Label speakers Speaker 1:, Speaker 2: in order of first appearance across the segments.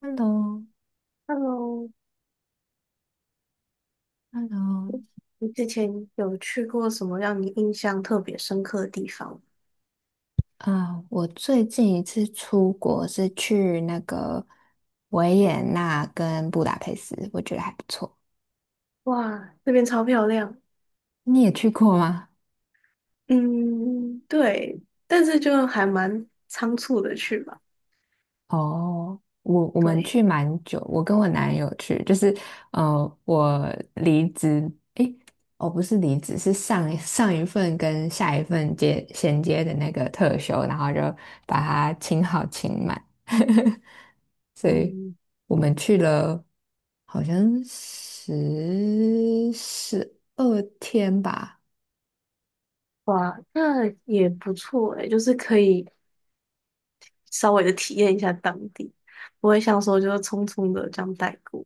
Speaker 1: Hello，Hello，
Speaker 2: Hello，你之前有去过什么让你印象特别深刻的地方吗？
Speaker 1: 啊，我最近一次出国是去那个维也纳跟布达佩斯，我觉得还不错。
Speaker 2: 哇，那边超漂亮。
Speaker 1: 你也去过吗？
Speaker 2: 嗯，对，但是就还蛮仓促的去吧。
Speaker 1: 哦，我们去
Speaker 2: 对。
Speaker 1: 蛮久，我跟我男友去，就是我离职，诶，哦，不是离职，是上上一份跟下一份接衔接的那个特休，然后就把它请好请满。所以
Speaker 2: 嗯。
Speaker 1: 我们去了好像十二天吧，
Speaker 2: 哇，那也不错诶，就是可以稍微的体验一下当地，不会像说就是匆匆的这样带过。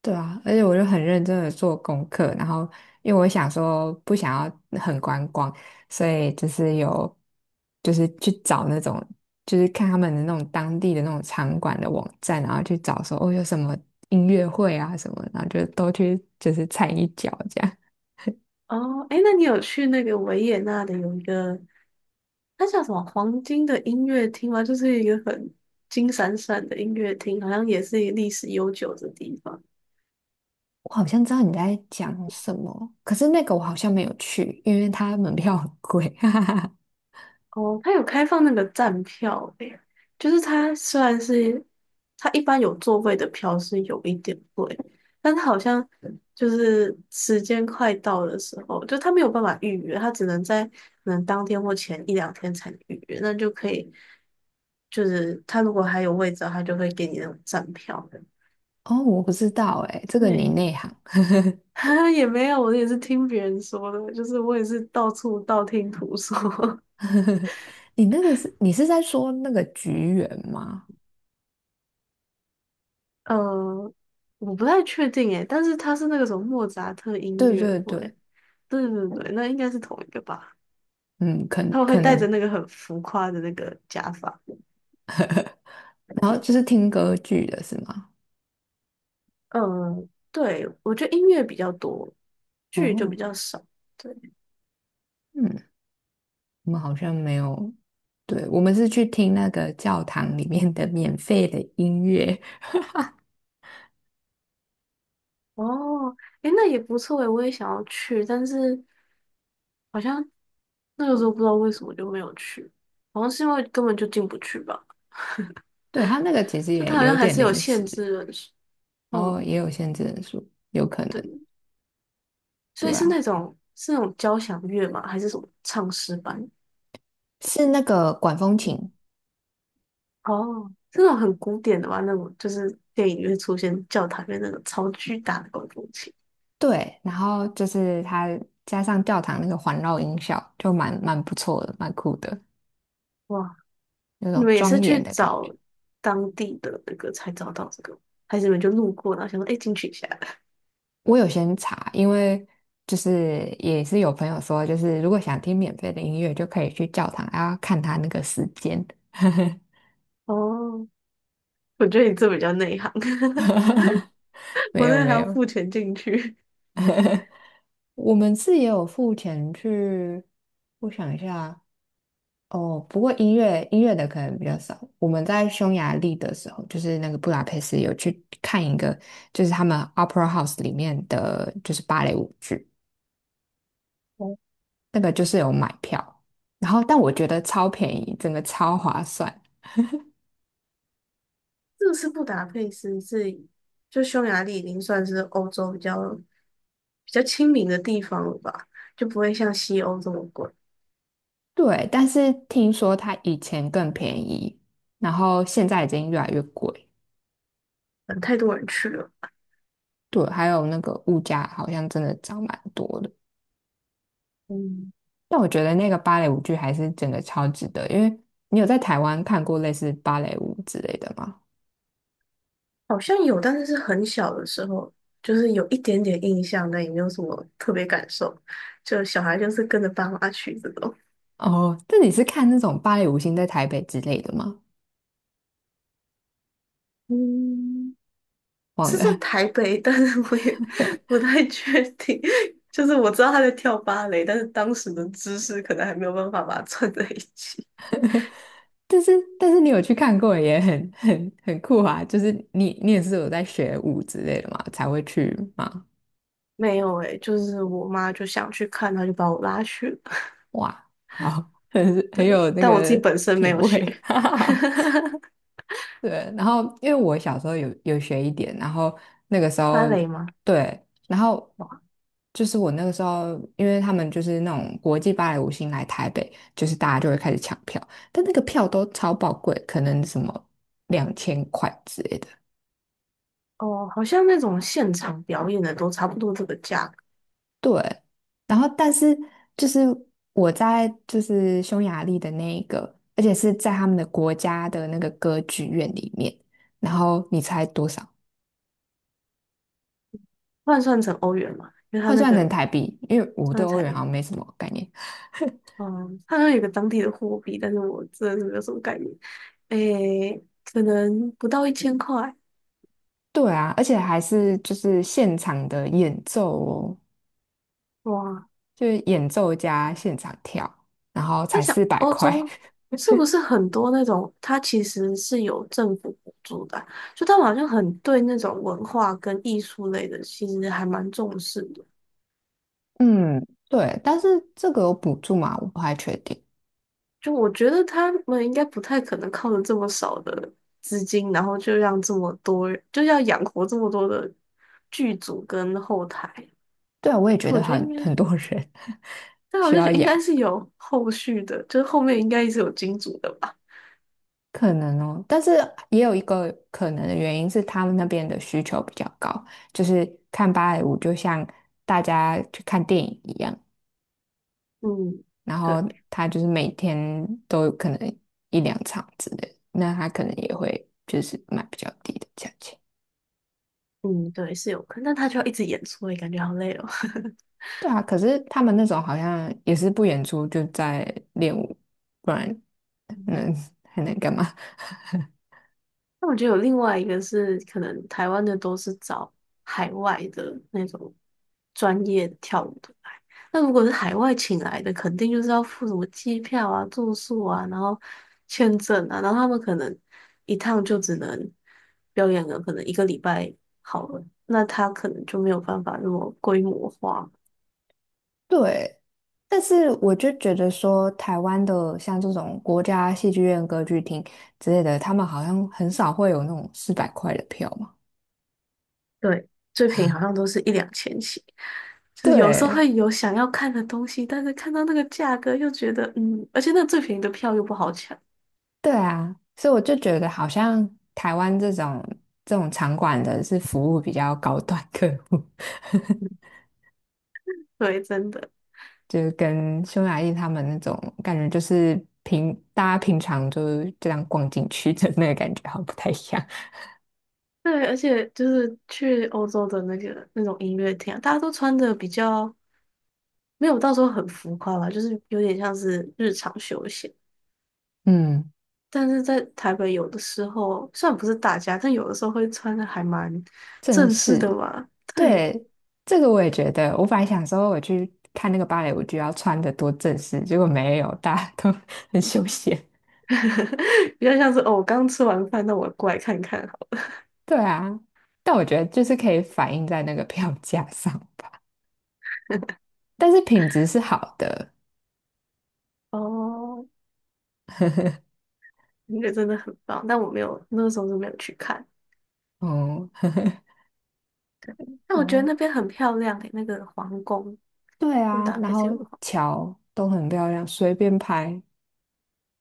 Speaker 1: 对啊，而且我就很认真的做功课，然后因为我想说不想要很观光，所以就是有就是去找那种就是看他们的那种当地的那种场馆的网站，然后去找说哦有什么音乐会啊什么，然后就都去就是踩一脚这样。
Speaker 2: 哦，诶，那你有去那个维也纳的有一个它叫什么黄金的音乐厅吗？就是一个很金闪闪的音乐厅，好像也是一个历史悠久的地方。
Speaker 1: 我好像知道你在讲什么，可是那个我好像没有去，因为它门票很贵。哈哈哈。
Speaker 2: 哦，它有开放那个站票诶，就是它虽然是它一般有座位的票是有一点贵，但它好像就是时间快到的时候，就它没有办法预约，它只能在可能当天或前一两天才能预约，那就可以，就是它如果还有位置，它就会给你那种站票的。
Speaker 1: 哦，我不知道哎，这个你
Speaker 2: 对。
Speaker 1: 内行。
Speaker 2: 也没有，我也是听别人说的，就是我也是到处道听途说。
Speaker 1: 你那个是你是在说那个菊园吗？
Speaker 2: 呃，我不太确定诶，但是他是那个什么莫扎特音
Speaker 1: 对
Speaker 2: 乐
Speaker 1: 对
Speaker 2: 会。
Speaker 1: 对，
Speaker 2: 对对对，那应该是同一个吧？
Speaker 1: 嗯，可
Speaker 2: 他会
Speaker 1: 可
Speaker 2: 戴着
Speaker 1: 能，
Speaker 2: 那个很浮夸的那个假发。
Speaker 1: 然后就是听歌剧的是吗？
Speaker 2: 嗯，对，我觉得音乐比较多，剧就比
Speaker 1: 哦，
Speaker 2: 较少。对。
Speaker 1: 嗯，我们好像没有，对，我们是去听那个教堂里面的免费的音乐。
Speaker 2: 哦，诶，那也不错诶，我也想要去，但是好像那个时候不知道为什么就没有去，好像是因为根本就进不去吧。
Speaker 1: 对，它那个其实
Speaker 2: 就
Speaker 1: 也
Speaker 2: 它好像
Speaker 1: 有
Speaker 2: 还
Speaker 1: 点
Speaker 2: 是有
Speaker 1: 临时，
Speaker 2: 限制人数。
Speaker 1: 哦，
Speaker 2: 嗯，
Speaker 1: 也有限制人数，有可能。
Speaker 2: 对，所
Speaker 1: 对
Speaker 2: 以是
Speaker 1: 啊。
Speaker 2: 那种是那种交响乐吗？还是什么唱诗班？
Speaker 1: 是那个管风琴，
Speaker 2: 哦，这种很古典的吧？那种就是电影里面出现教堂里面那种超巨大的管风琴。
Speaker 1: 对，然后就是它加上教堂那个环绕音效，就蛮不错的，蛮酷的，
Speaker 2: 哇。
Speaker 1: 那
Speaker 2: 你
Speaker 1: 种
Speaker 2: 们也
Speaker 1: 庄
Speaker 2: 是
Speaker 1: 严
Speaker 2: 去
Speaker 1: 的感觉。
Speaker 2: 找当地的那个才找到这个，还是你们就路过然后想说，哎、进去一下？
Speaker 1: 我有先查，因为就是也是有朋友说，就是如果想听免费的音乐，就可以去教堂，然后看他那个时间。
Speaker 2: 哦，我觉得你这比较内行，
Speaker 1: 没
Speaker 2: 我那
Speaker 1: 有
Speaker 2: 个还
Speaker 1: 没
Speaker 2: 要
Speaker 1: 有，
Speaker 2: 付钱进去。
Speaker 1: 我们是也有付钱去，我想一下，哦，不过音乐的可能比较少。我们在匈牙利的时候，就是那个布达佩斯有去看一个，就是他们 Opera House 里面的就是芭蕾舞剧，那个就是有买票，然后但我觉得超便宜，整个超划算。
Speaker 2: 这个是布达佩斯是就匈牙利已经算是欧洲比较比较亲民的地方了吧，就不会像西欧这么贵。
Speaker 1: 对，但是听说它以前更便宜，然后现在已经越来越贵。
Speaker 2: 嗯，太多人去了。
Speaker 1: 对，还有那个物价好像真的涨蛮多的。
Speaker 2: 嗯，
Speaker 1: 但我觉得那个芭蕾舞剧还是真的超值得，因为你有在台湾看过类似芭蕾舞之类的吗？
Speaker 2: 好像有，但是是很小的时候，就是有一点点印象，但也没有什么特别感受。就小孩就是跟着爸妈去这种。
Speaker 1: 哦，那你是看那种芭蕾舞星在台北之类的吗？
Speaker 2: 嗯，
Speaker 1: 忘
Speaker 2: 是在
Speaker 1: 了，
Speaker 2: 台北，但是我也 不太确定。就是我知道他在跳芭蕾，但是当时的知识可能还没有办法把它串在一起。
Speaker 1: 但是但是你有去看过，也很酷啊！就是你你也是有在学舞之类的嘛，才会去嘛？
Speaker 2: 没有诶、就是我妈就想去看，她就把我拉去了。
Speaker 1: 哇，好，很
Speaker 2: 对，
Speaker 1: 有那
Speaker 2: 但我自己
Speaker 1: 个
Speaker 2: 本身没
Speaker 1: 品
Speaker 2: 有学。
Speaker 1: 味，对，然后因为我小时候有学一点，然后那个时候
Speaker 2: 芭蕾吗？
Speaker 1: 对，然后
Speaker 2: 哇。
Speaker 1: 就是我那个时候，因为他们就是那种国际芭蕾舞星来台北，就是大家就会开始抢票，但那个票都超宝贵，可能什么2000块之类的。
Speaker 2: 哦，好像那种现场表演的都差不多这个价格。
Speaker 1: 对，然后但是就是我在就是匈牙利的那一个，而且是在他们的国家的那个歌剧院里面，然后你猜多少？
Speaker 2: 换算成欧元嘛，因为它
Speaker 1: 换
Speaker 2: 那
Speaker 1: 算成
Speaker 2: 个
Speaker 1: 台币，因为我对
Speaker 2: 算
Speaker 1: 欧
Speaker 2: 彩
Speaker 1: 元好
Speaker 2: 礼，
Speaker 1: 像没什么概念。
Speaker 2: 嗯，它好像有一个当地的货币，但是我真的是没有什么概念，诶、可能不到一千块。
Speaker 1: 对啊，而且还是就是现场的演奏哦，
Speaker 2: 哇。
Speaker 1: 就是演奏加现场跳，然后
Speaker 2: 在
Speaker 1: 才
Speaker 2: 想
Speaker 1: 四百
Speaker 2: 欧
Speaker 1: 块。
Speaker 2: 洲是不是 很多那种，它其实是有政府补助的啊，就他们好像很对那种文化跟艺术类的，其实还蛮重视的。
Speaker 1: 嗯，对，但是这个有补助吗？我不太确定。
Speaker 2: 就我觉得他们应该不太可能靠着这么少的资金，然后就让这么多，人，就要养活这么多的剧组跟后台。
Speaker 1: 对啊，我也觉
Speaker 2: 就
Speaker 1: 得
Speaker 2: 我觉得
Speaker 1: 很
Speaker 2: 应
Speaker 1: 很
Speaker 2: 该，
Speaker 1: 多人
Speaker 2: 但我
Speaker 1: 需
Speaker 2: 就觉
Speaker 1: 要
Speaker 2: 得应
Speaker 1: 养，
Speaker 2: 该是有后续的，就是后面应该是有金主的吧。
Speaker 1: 可能哦。但是也有一个可能的原因是他们那边的需求比较高，就是看芭蕾舞就像大家去看电影一样，
Speaker 2: 嗯，
Speaker 1: 然后
Speaker 2: 对。
Speaker 1: 他就是每天都可能一两场之类的，那他可能也会就是卖比较低的价钱。
Speaker 2: 嗯，对，是有可能，但他就要一直演出，也感觉好累哦。
Speaker 1: 对啊，可是他们那种好像也是不演出就在练舞，不然
Speaker 2: 嗯。
Speaker 1: 能还能干嘛？
Speaker 2: 那我觉得有另外一个是，可能台湾的都是找海外的那种专业跳舞的来。那如果是海外请来的，肯定就是要付什么机票啊、住宿啊，然后签证啊，然后他们可能一趟就只能表演个可能一个礼拜好了，那他可能就没有办法那么规模化。
Speaker 1: 对，但是我就觉得说，台湾的像这种国家戏剧院、歌剧厅之类的，他们好像很少会有那种四百块的票嘛。
Speaker 2: 对，最便宜好像都是一两千起，就是有时候
Speaker 1: 对，
Speaker 2: 会有想要看的东西，但是看到那个价格又觉得，嗯，而且那最便宜的票又不好抢。
Speaker 1: 对啊，所以我就觉得好像台湾这种这种场馆的是服务比较高端客户，
Speaker 2: 对，真的。
Speaker 1: 就是跟匈牙利他们那种感觉，就是大家平常就是这样逛进去的那个感觉好像不太一样。
Speaker 2: 对，而且就是去欧洲的那个那种音乐厅啊，大家都穿的比较没有到时候很浮夸吧，就是有点像是日常休闲，
Speaker 1: 嗯，
Speaker 2: 但是在台北有的时候虽然不是大家，但有的时候会穿的还蛮
Speaker 1: 正
Speaker 2: 正式的
Speaker 1: 式
Speaker 2: 嘛。对。
Speaker 1: 对，这个我也觉得，我本来想说我去看那个芭蕾舞剧要穿的多正式，结果没有，大家都 很休闲。
Speaker 2: 比较像是哦，我刚吃完饭，那我过来看看。
Speaker 1: 对啊，但我觉得就是可以反映在那个票价上。但是品质是好的。
Speaker 2: 哦，那个真的很棒，但我没有，那个时候是没有去看。
Speaker 1: 哦，
Speaker 2: 但
Speaker 1: 然
Speaker 2: 我觉得
Speaker 1: 后
Speaker 2: 那边很漂亮诶、那个皇宫，
Speaker 1: 对
Speaker 2: 布
Speaker 1: 啊，
Speaker 2: 达
Speaker 1: 然
Speaker 2: 佩斯有
Speaker 1: 后
Speaker 2: 个皇，
Speaker 1: 桥都很漂亮，随便拍。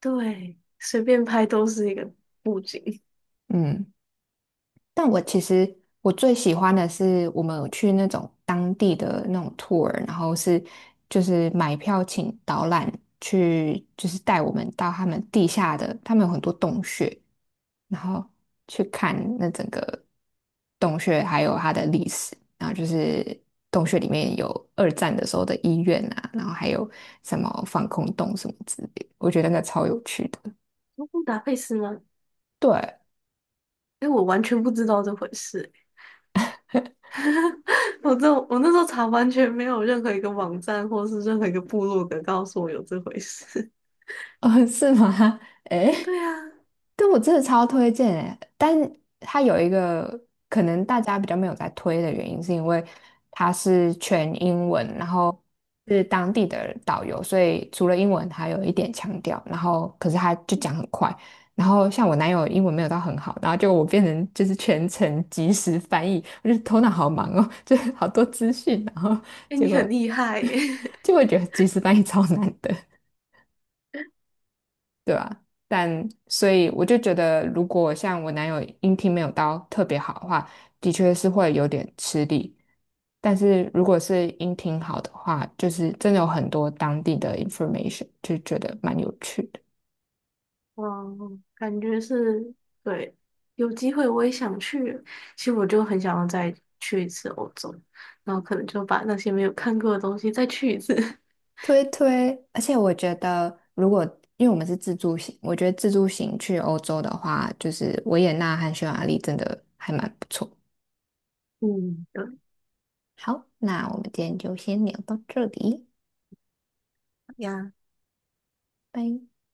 Speaker 2: 对，随便拍都是一个布景。
Speaker 1: 嗯，但我其实我最喜欢的是我们有去那种当地的那种 tour，然后是就是买票请导览去，就是带我们到他们地下的，他们有很多洞穴，然后去看那整个洞穴还有它的历史，然后就是洞穴里面有二战的时候的医院啊，然后还有什么防空洞什么之类的，我觉得那超有趣的。
Speaker 2: 哦布达佩斯吗？
Speaker 1: 对，
Speaker 2: 哎、我完全不知道这回事欸、我这我那时候查完全没有任何一个网站或是任何一个部落格告诉我有这回事。
Speaker 1: 哦，是吗？诶，
Speaker 2: 对啊，
Speaker 1: 但我真的超推荐诶，但它有一个可能大家比较没有在推的原因，是因为它是全英文，然后是当地的导游，所以除了英文还有一点强调，然后可是他就讲很快，然后像我男友英文没有到很好，然后就我变成就是全程即时翻译，我就头脑好忙哦，就是好多资讯，然后
Speaker 2: 哎、
Speaker 1: 结
Speaker 2: 你
Speaker 1: 果
Speaker 2: 很厉害耶、
Speaker 1: 就会觉得即时翻译超难的。对啊，但所以我就觉得，如果像我男友音听没有到特别好的话，的确是会有点吃力。但是如果是音听好的话，就是真的有很多当地的 information，就觉得蛮有趣的。
Speaker 2: 嗯，感觉是，对，有机会我也想去。其实我就很想要再去一次欧洲，然后可能就把那些没有看过的东西再去一次。
Speaker 1: 推推，而且我觉得，如果因为我们是自助行，我觉得自助行去欧洲的话，就是维也纳和匈牙利真的还蛮不错。
Speaker 2: 嗯，对。
Speaker 1: 好，那我们今天就先聊到这里，
Speaker 2: 呀。
Speaker 1: 拜。